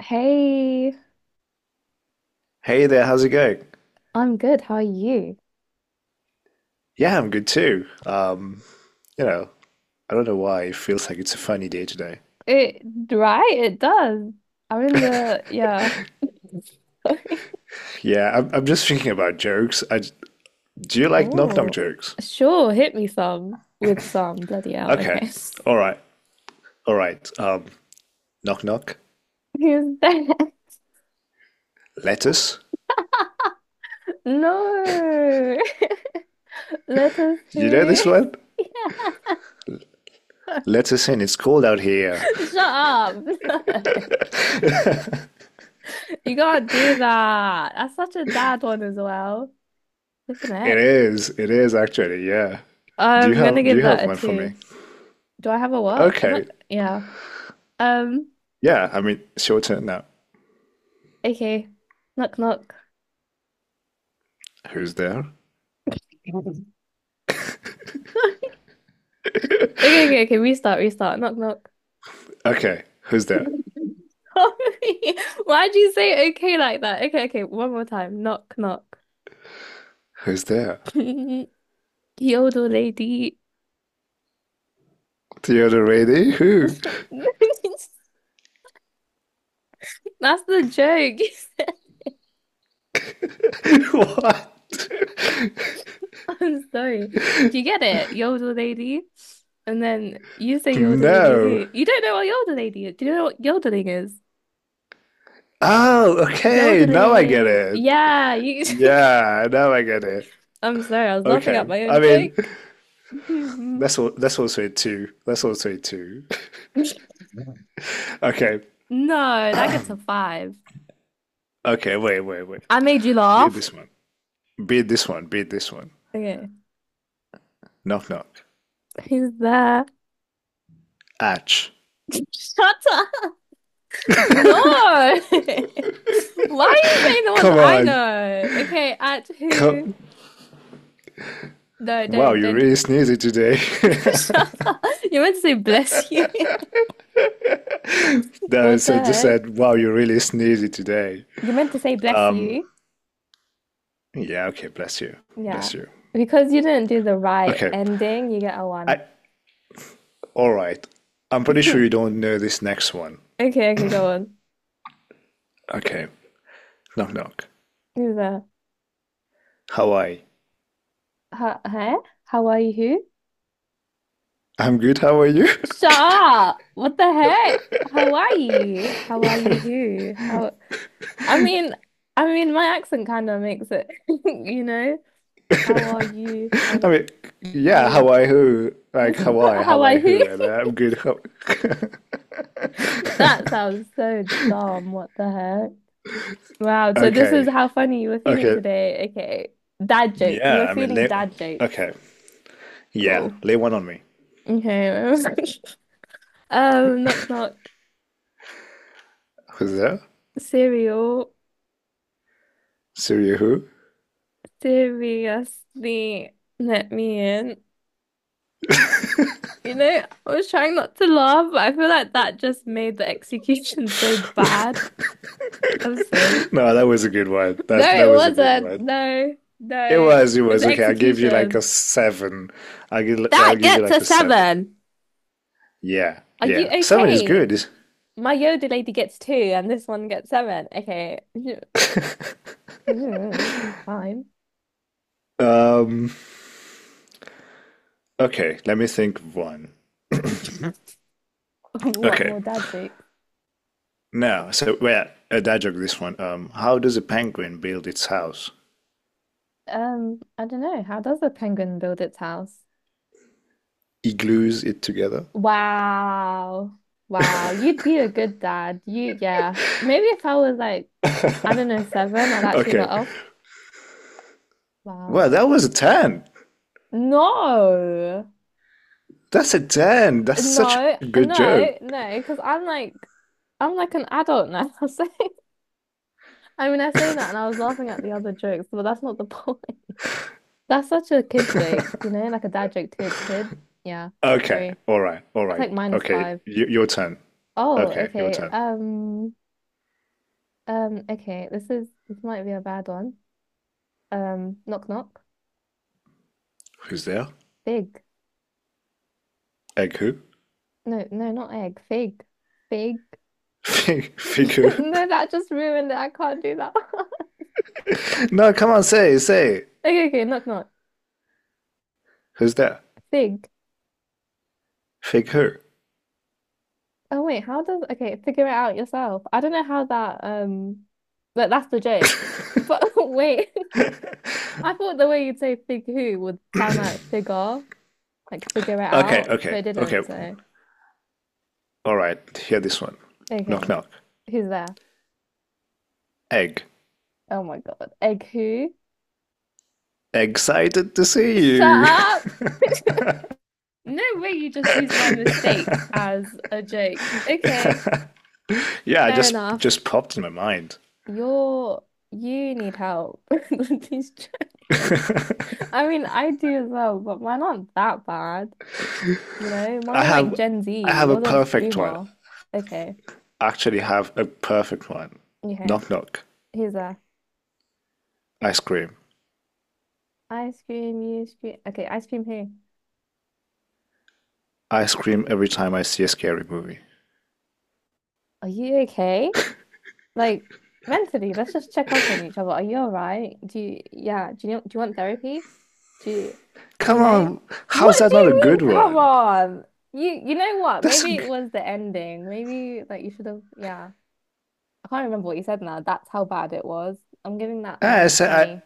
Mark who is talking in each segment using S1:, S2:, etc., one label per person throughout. S1: Hey,
S2: Hey there, how's it going?
S1: I'm good. How are you?
S2: Yeah, I'm good too. You know, I don't know why it feels like it's a funny day today.
S1: It, right, it does. I'm in the, yeah. Sorry.
S2: Yeah, I'm just thinking about jokes. Do you like knock knock
S1: Oh,
S2: jokes?
S1: sure. Hit me some with some. Bloody hell.
S2: Okay,
S1: Okay.
S2: all right, all right. Knock knock,
S1: Who's there?
S2: lettuce.
S1: No. Let us
S2: You know
S1: who?
S2: this one?
S1: Yeah.
S2: Lettuce in. It's cold out here.
S1: Shut up. No. You can't do that. That's such a dad one as well. Different
S2: It
S1: heck.
S2: is. It is actually. Yeah. Do you
S1: I'm gonna
S2: have Do
S1: give
S2: you
S1: that
S2: have
S1: a
S2: one for me?
S1: two. Do I have a what? I'm
S2: Okay.
S1: not, yeah. Um,
S2: Yeah. I mean, it's your turn now.
S1: Okay. Knock knock.
S2: Who's there?
S1: Okay, okay, okay. Restart, restart. Knock knock.
S2: Okay. Who's there?
S1: Sorry. Why'd you say okay like that? Okay, okay. One more time. Knock knock.
S2: Who's there?
S1: The old lady.
S2: The other lady? Who?
S1: That's the joke. You said-
S2: What?
S1: I'm sorry. Do you get it? Yodel lady. And then you say yodel lady
S2: No.
S1: who? You don't know what yodel lady is. Do you know what yodeling is?
S2: Oh, okay. Now I get
S1: Yodeling.
S2: it.
S1: Yeah, you
S2: Yeah, now I get it.
S1: I'm sorry, I was laughing
S2: Okay.
S1: at my
S2: I
S1: own
S2: mean,
S1: joke. Mhm.
S2: that's all. That's also a two. That's also a two. Okay.
S1: No, that gets a five.
S2: Okay. Wait. Wait. Wait.
S1: I made you
S2: Beat
S1: laugh.
S2: this one. Beat this one. Beat this one.
S1: Okay.
S2: Knock knock.
S1: Who's there?
S2: Atch.
S1: Shut up. No. Why are you saying the ones
S2: Come
S1: I
S2: on.
S1: know? Okay, at who?
S2: Come.
S1: No,
S2: Wow, you
S1: don't.
S2: really sneezy today.
S1: Shut up. You're meant to say bless you.
S2: No, it
S1: What the
S2: said, just
S1: heck?
S2: said, wow, you really sneezy today.
S1: You're meant to say bless you.
S2: Yeah. Okay. Bless you.
S1: Yeah.
S2: Bless you.
S1: Because you didn't do the right
S2: Okay.
S1: ending, you get a
S2: I
S1: one.
S2: All right. I'm pretty sure you don't know this next one.
S1: Okay, okay, go on.
S2: Okay. Knock knock.
S1: Who's there?
S2: Hawaii.
S1: Huh? Huh? How are you? Who?
S2: I'm good. How are you?
S1: Stop! What the heck? Hawaii. Hawaii who? How I mean I mean my accent kind of makes it, you know? How are you?
S2: I
S1: How
S2: mean, yeah,
S1: how
S2: Hawaii who? Like Hawaii, Hawaii
S1: Hawaii who?
S2: who? And then I'm good. How.
S1: That sounds so dumb. What the heck? Wow, so this is
S2: Okay.
S1: how funny you were feeling
S2: Okay.
S1: today. Okay. Dad jokes. You were
S2: Yeah, I mean,
S1: feeling dad jokes.
S2: okay. Yeah,
S1: Cool.
S2: lay one on me.
S1: Okay. Knock knock.
S2: Who's that?
S1: Cereal.
S2: Surya who?
S1: Seriously, let me in. You know, I was trying not to laugh, but I feel like that just made the execution so bad. I'm sorry.
S2: No, that was a good one.
S1: No,
S2: That
S1: it
S2: was a good
S1: wasn't.
S2: one.
S1: No, no.
S2: It
S1: It
S2: was, it
S1: was the
S2: was. Okay, I'll give you like a
S1: execution.
S2: seven. I'll give, I'll
S1: That
S2: give you
S1: gets a
S2: like a seven.
S1: seven.
S2: Yeah,
S1: Are you
S2: yeah. Seven is
S1: okay?
S2: good.
S1: My Yoda lady gets two, and this one gets seven. Okay. Fine.
S2: Um, Okay, let me think of one.
S1: What
S2: Okay,
S1: more dad jokes?
S2: now, so where a dad joke this one. How does a penguin build its house?
S1: I don't know. How does a penguin build its house?
S2: He glues it together.
S1: Wow. Wow. You'd be a good dad. You, yeah. Maybe if I was like, I don't know, seven, I'd actually let
S2: Okay,
S1: off. Wow.
S2: well, that was a ten.
S1: No.
S2: That's a ten. That's such
S1: No,
S2: a good
S1: no,
S2: joke.
S1: no, because I'm like an adult now. So, I mean, I say that and I was laughing at the other jokes, but that's not the point. That's such a kid joke, you know, like a dad joke to its kid. Yeah.
S2: Okay,
S1: Sorry.
S2: all right, all
S1: That's
S2: right.
S1: like minus
S2: Okay,
S1: five.
S2: your turn.
S1: Oh,
S2: Okay, your
S1: okay.
S2: turn.
S1: Okay. This might be a bad one. Knock knock.
S2: Who's there?
S1: Fig.
S2: Egg who?
S1: No, no, not egg. Fig. Fig.
S2: Fig, fig who?
S1: No, that just ruined it. I can't do that.
S2: No, come on, say, say.
S1: Okay, okay, knock knock.
S2: Who's there?
S1: Fig.
S2: Fig who?
S1: Oh wait, how does okay, figure it out yourself. I don't know how that but that's the joke. But wait, I thought the way you'd say fig who would sound like figure it
S2: Okay,
S1: out, but
S2: okay,
S1: it
S2: okay.
S1: didn't, so
S2: All right, hear this one. Knock,
S1: okay.
S2: knock.
S1: Who's there?
S2: Egg.
S1: Oh my God. Egg who?
S2: Excited to see
S1: Shut
S2: you.
S1: up! No way, you just used my mistake as a joke. Okay,
S2: Yeah, I
S1: fair
S2: just
S1: enough.
S2: just popped in my mind.
S1: You're you need help with these jo- I mean, I do as well, but mine aren't that bad. You know, mine
S2: I
S1: are like
S2: have
S1: Gen
S2: I
S1: Z.
S2: have a
S1: Yours are just
S2: perfect one.
S1: boomer. Okay,
S2: I actually have a perfect one.
S1: okay.
S2: Knock knock.
S1: Here's a
S2: I scream.
S1: ice cream. You scream. Okay, ice cream here.
S2: I scream every time I see a scary movie.
S1: Are you okay? Like mentally, let's just check up on each other. Are you all right? Do you, yeah, do you want therapy? Do you, you
S2: Come
S1: know?
S2: on, how's
S1: What
S2: that
S1: do
S2: not a
S1: you
S2: good
S1: mean, come
S2: one?
S1: on? You know what?
S2: That's a,
S1: Maybe
S2: g-
S1: it was the ending. Maybe like you should have, yeah. I can't remember what you said now. That's how bad it was. I'm giving that
S2: I
S1: minus
S2: said I
S1: 20.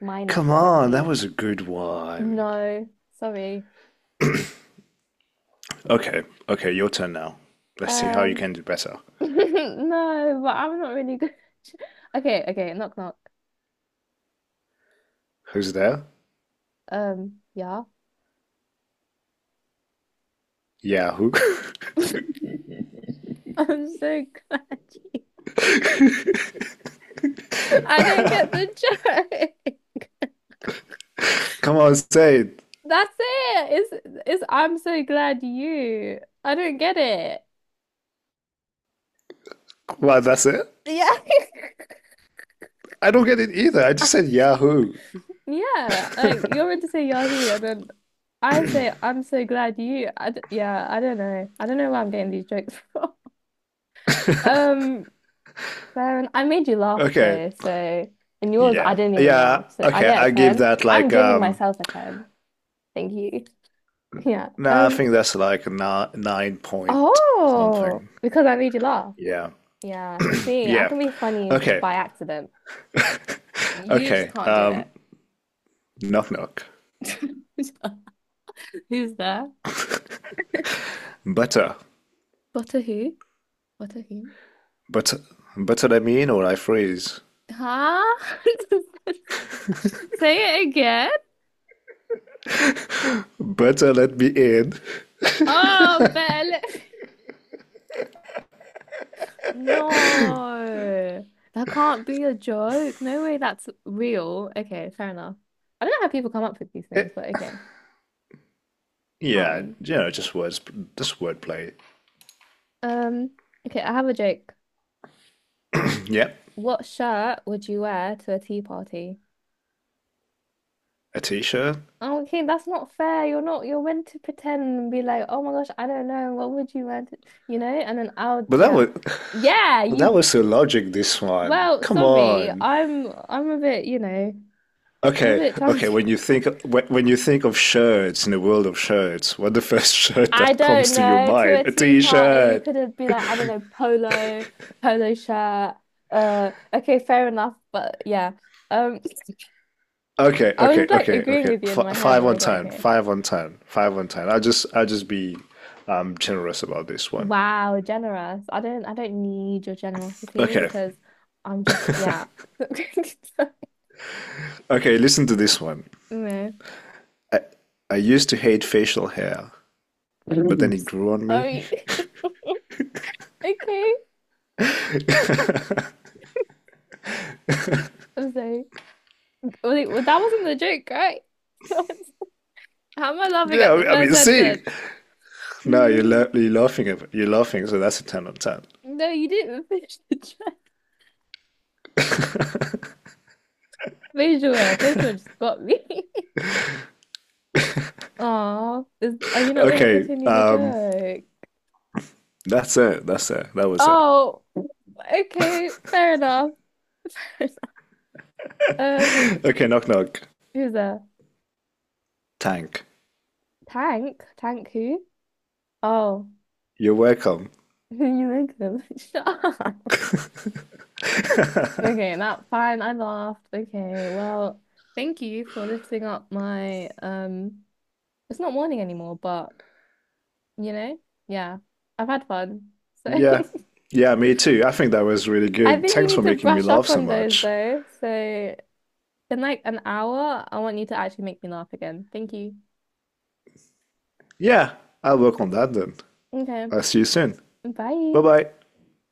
S1: Minus
S2: Come on, that
S1: 20.
S2: was a good one.
S1: No, sorry.
S2: Okay, okay, your turn now. Let's see how you
S1: Um,
S2: can do better.
S1: no, but I'm not really good. Okay, okay, knock knock.
S2: Who's there?
S1: Yeah.
S2: Yeah, who?
S1: I'm so glad. You. I don't get the joke.
S2: Come on, say it.
S1: That's it. It's I'm so glad you. I don't get it.
S2: What, that's it?
S1: Yeah.
S2: I don't get it either. I
S1: I
S2: just said
S1: just,
S2: Yahoo.
S1: yeah, like you're meant to say Yahoo, and then I say I'm so glad you. I d yeah, I don't know. I don't know where I'm getting these jokes from. Um, Baron, I made you laugh
S2: Okay.
S1: though, so and yours I
S2: Yeah.
S1: didn't even
S2: Yeah.
S1: laugh, so I
S2: Okay.
S1: get a
S2: I give
S1: ten.
S2: that
S1: I'm
S2: like
S1: giving myself a ten. Thank you. Yeah.
S2: no, nah, I think that's like a nine point
S1: Oh,
S2: something.
S1: because I made you laugh.
S2: Yeah.
S1: Yeah. See, I
S2: Yeah.
S1: can be funny
S2: Okay.
S1: by accident. You just
S2: Okay.
S1: can't do it.
S2: Knock knock.
S1: Who's there?
S2: Butter.
S1: Butter who? Butter who?
S2: Butter butter let me in or I freeze.
S1: Huh? Say it again.
S2: Butter let me in.
S1: Oh, better no. That can't be a joke. No way that's real. Okay, fair enough. I don't know how people come up with these things,
S2: Eh,
S1: but okay,
S2: yeah,
S1: fine.
S2: just wordplay.
S1: Um, okay, I have a joke.
S2: Yep.
S1: What shirt would you wear to a tea party?
S2: A t-shirt.
S1: Oh, okay, that's not fair. You're not, you're meant to pretend and be like, oh my gosh, I don't know. What would you want? To-" You know? And then I'll,
S2: But that
S1: yeah.
S2: was
S1: Yeah,
S2: that
S1: you,
S2: was so logic this one.
S1: well,
S2: Come
S1: sorry.
S2: on.
S1: I'm a bit, you know, I'm a
S2: Okay,
S1: bit
S2: okay.
S1: childish.
S2: When you think of shirts in the world of shirts, what the first shirt
S1: I
S2: that comes
S1: don't
S2: to your
S1: know. To
S2: mind?
S1: a
S2: A
S1: tea party, you
S2: t-shirt.
S1: could have been like, I don't know, polo, polo shirt. Okay, fair enough. But yeah. Um,
S2: Okay,
S1: I
S2: okay,
S1: was like
S2: okay,
S1: agreeing
S2: okay.
S1: with you
S2: F
S1: in my head
S2: Five
S1: and I
S2: on
S1: was like,
S2: ten,
S1: okay.
S2: five on ten, five on ten. I'll just be generous about this one.
S1: Wow, generous. I don't need your generosity
S2: Okay,
S1: because I'm just yeah.
S2: okay. Listen to this one.
S1: No.
S2: I I used to hate facial hair, but then
S1: Mm.
S2: it grew on me.
S1: Oh, okay. I'm sorry. Wait, well, that wasn't the joke, right? How am I laughing
S2: Yeah,
S1: at
S2: I
S1: the
S2: mean, I
S1: first
S2: mean, see.
S1: sentence?
S2: No,
S1: Hmm.
S2: you're laughing at you're laughing, so that's a ten on ten.
S1: No, you didn't finish the joke. Facial hair just got me. Oh, is are you not going to
S2: Okay,
S1: continue the joke?
S2: that's it. That's it. That was it.
S1: Oh, okay, fair enough. Fair enough.
S2: Okay, knock knock.
S1: Who's there?
S2: Tank.
S1: Tank? Tank who? Oh,
S2: You're welcome.
S1: you make them. Shut up. Okay, that fine. I laughed. Okay, well, thank you for lifting up my. It's not morning anymore, but you know, yeah, I've had fun. So
S2: Yeah. Yeah, me too. I think that was really
S1: I
S2: good.
S1: think you
S2: Thanks for
S1: need to
S2: making me
S1: brush
S2: laugh
S1: up
S2: so
S1: on those
S2: much.
S1: though. So in like an hour, I want you to actually make me laugh again. Thank you.
S2: Yeah, I'll work on that then.
S1: Okay,
S2: I'll see you soon. Bye
S1: bye.
S2: bye.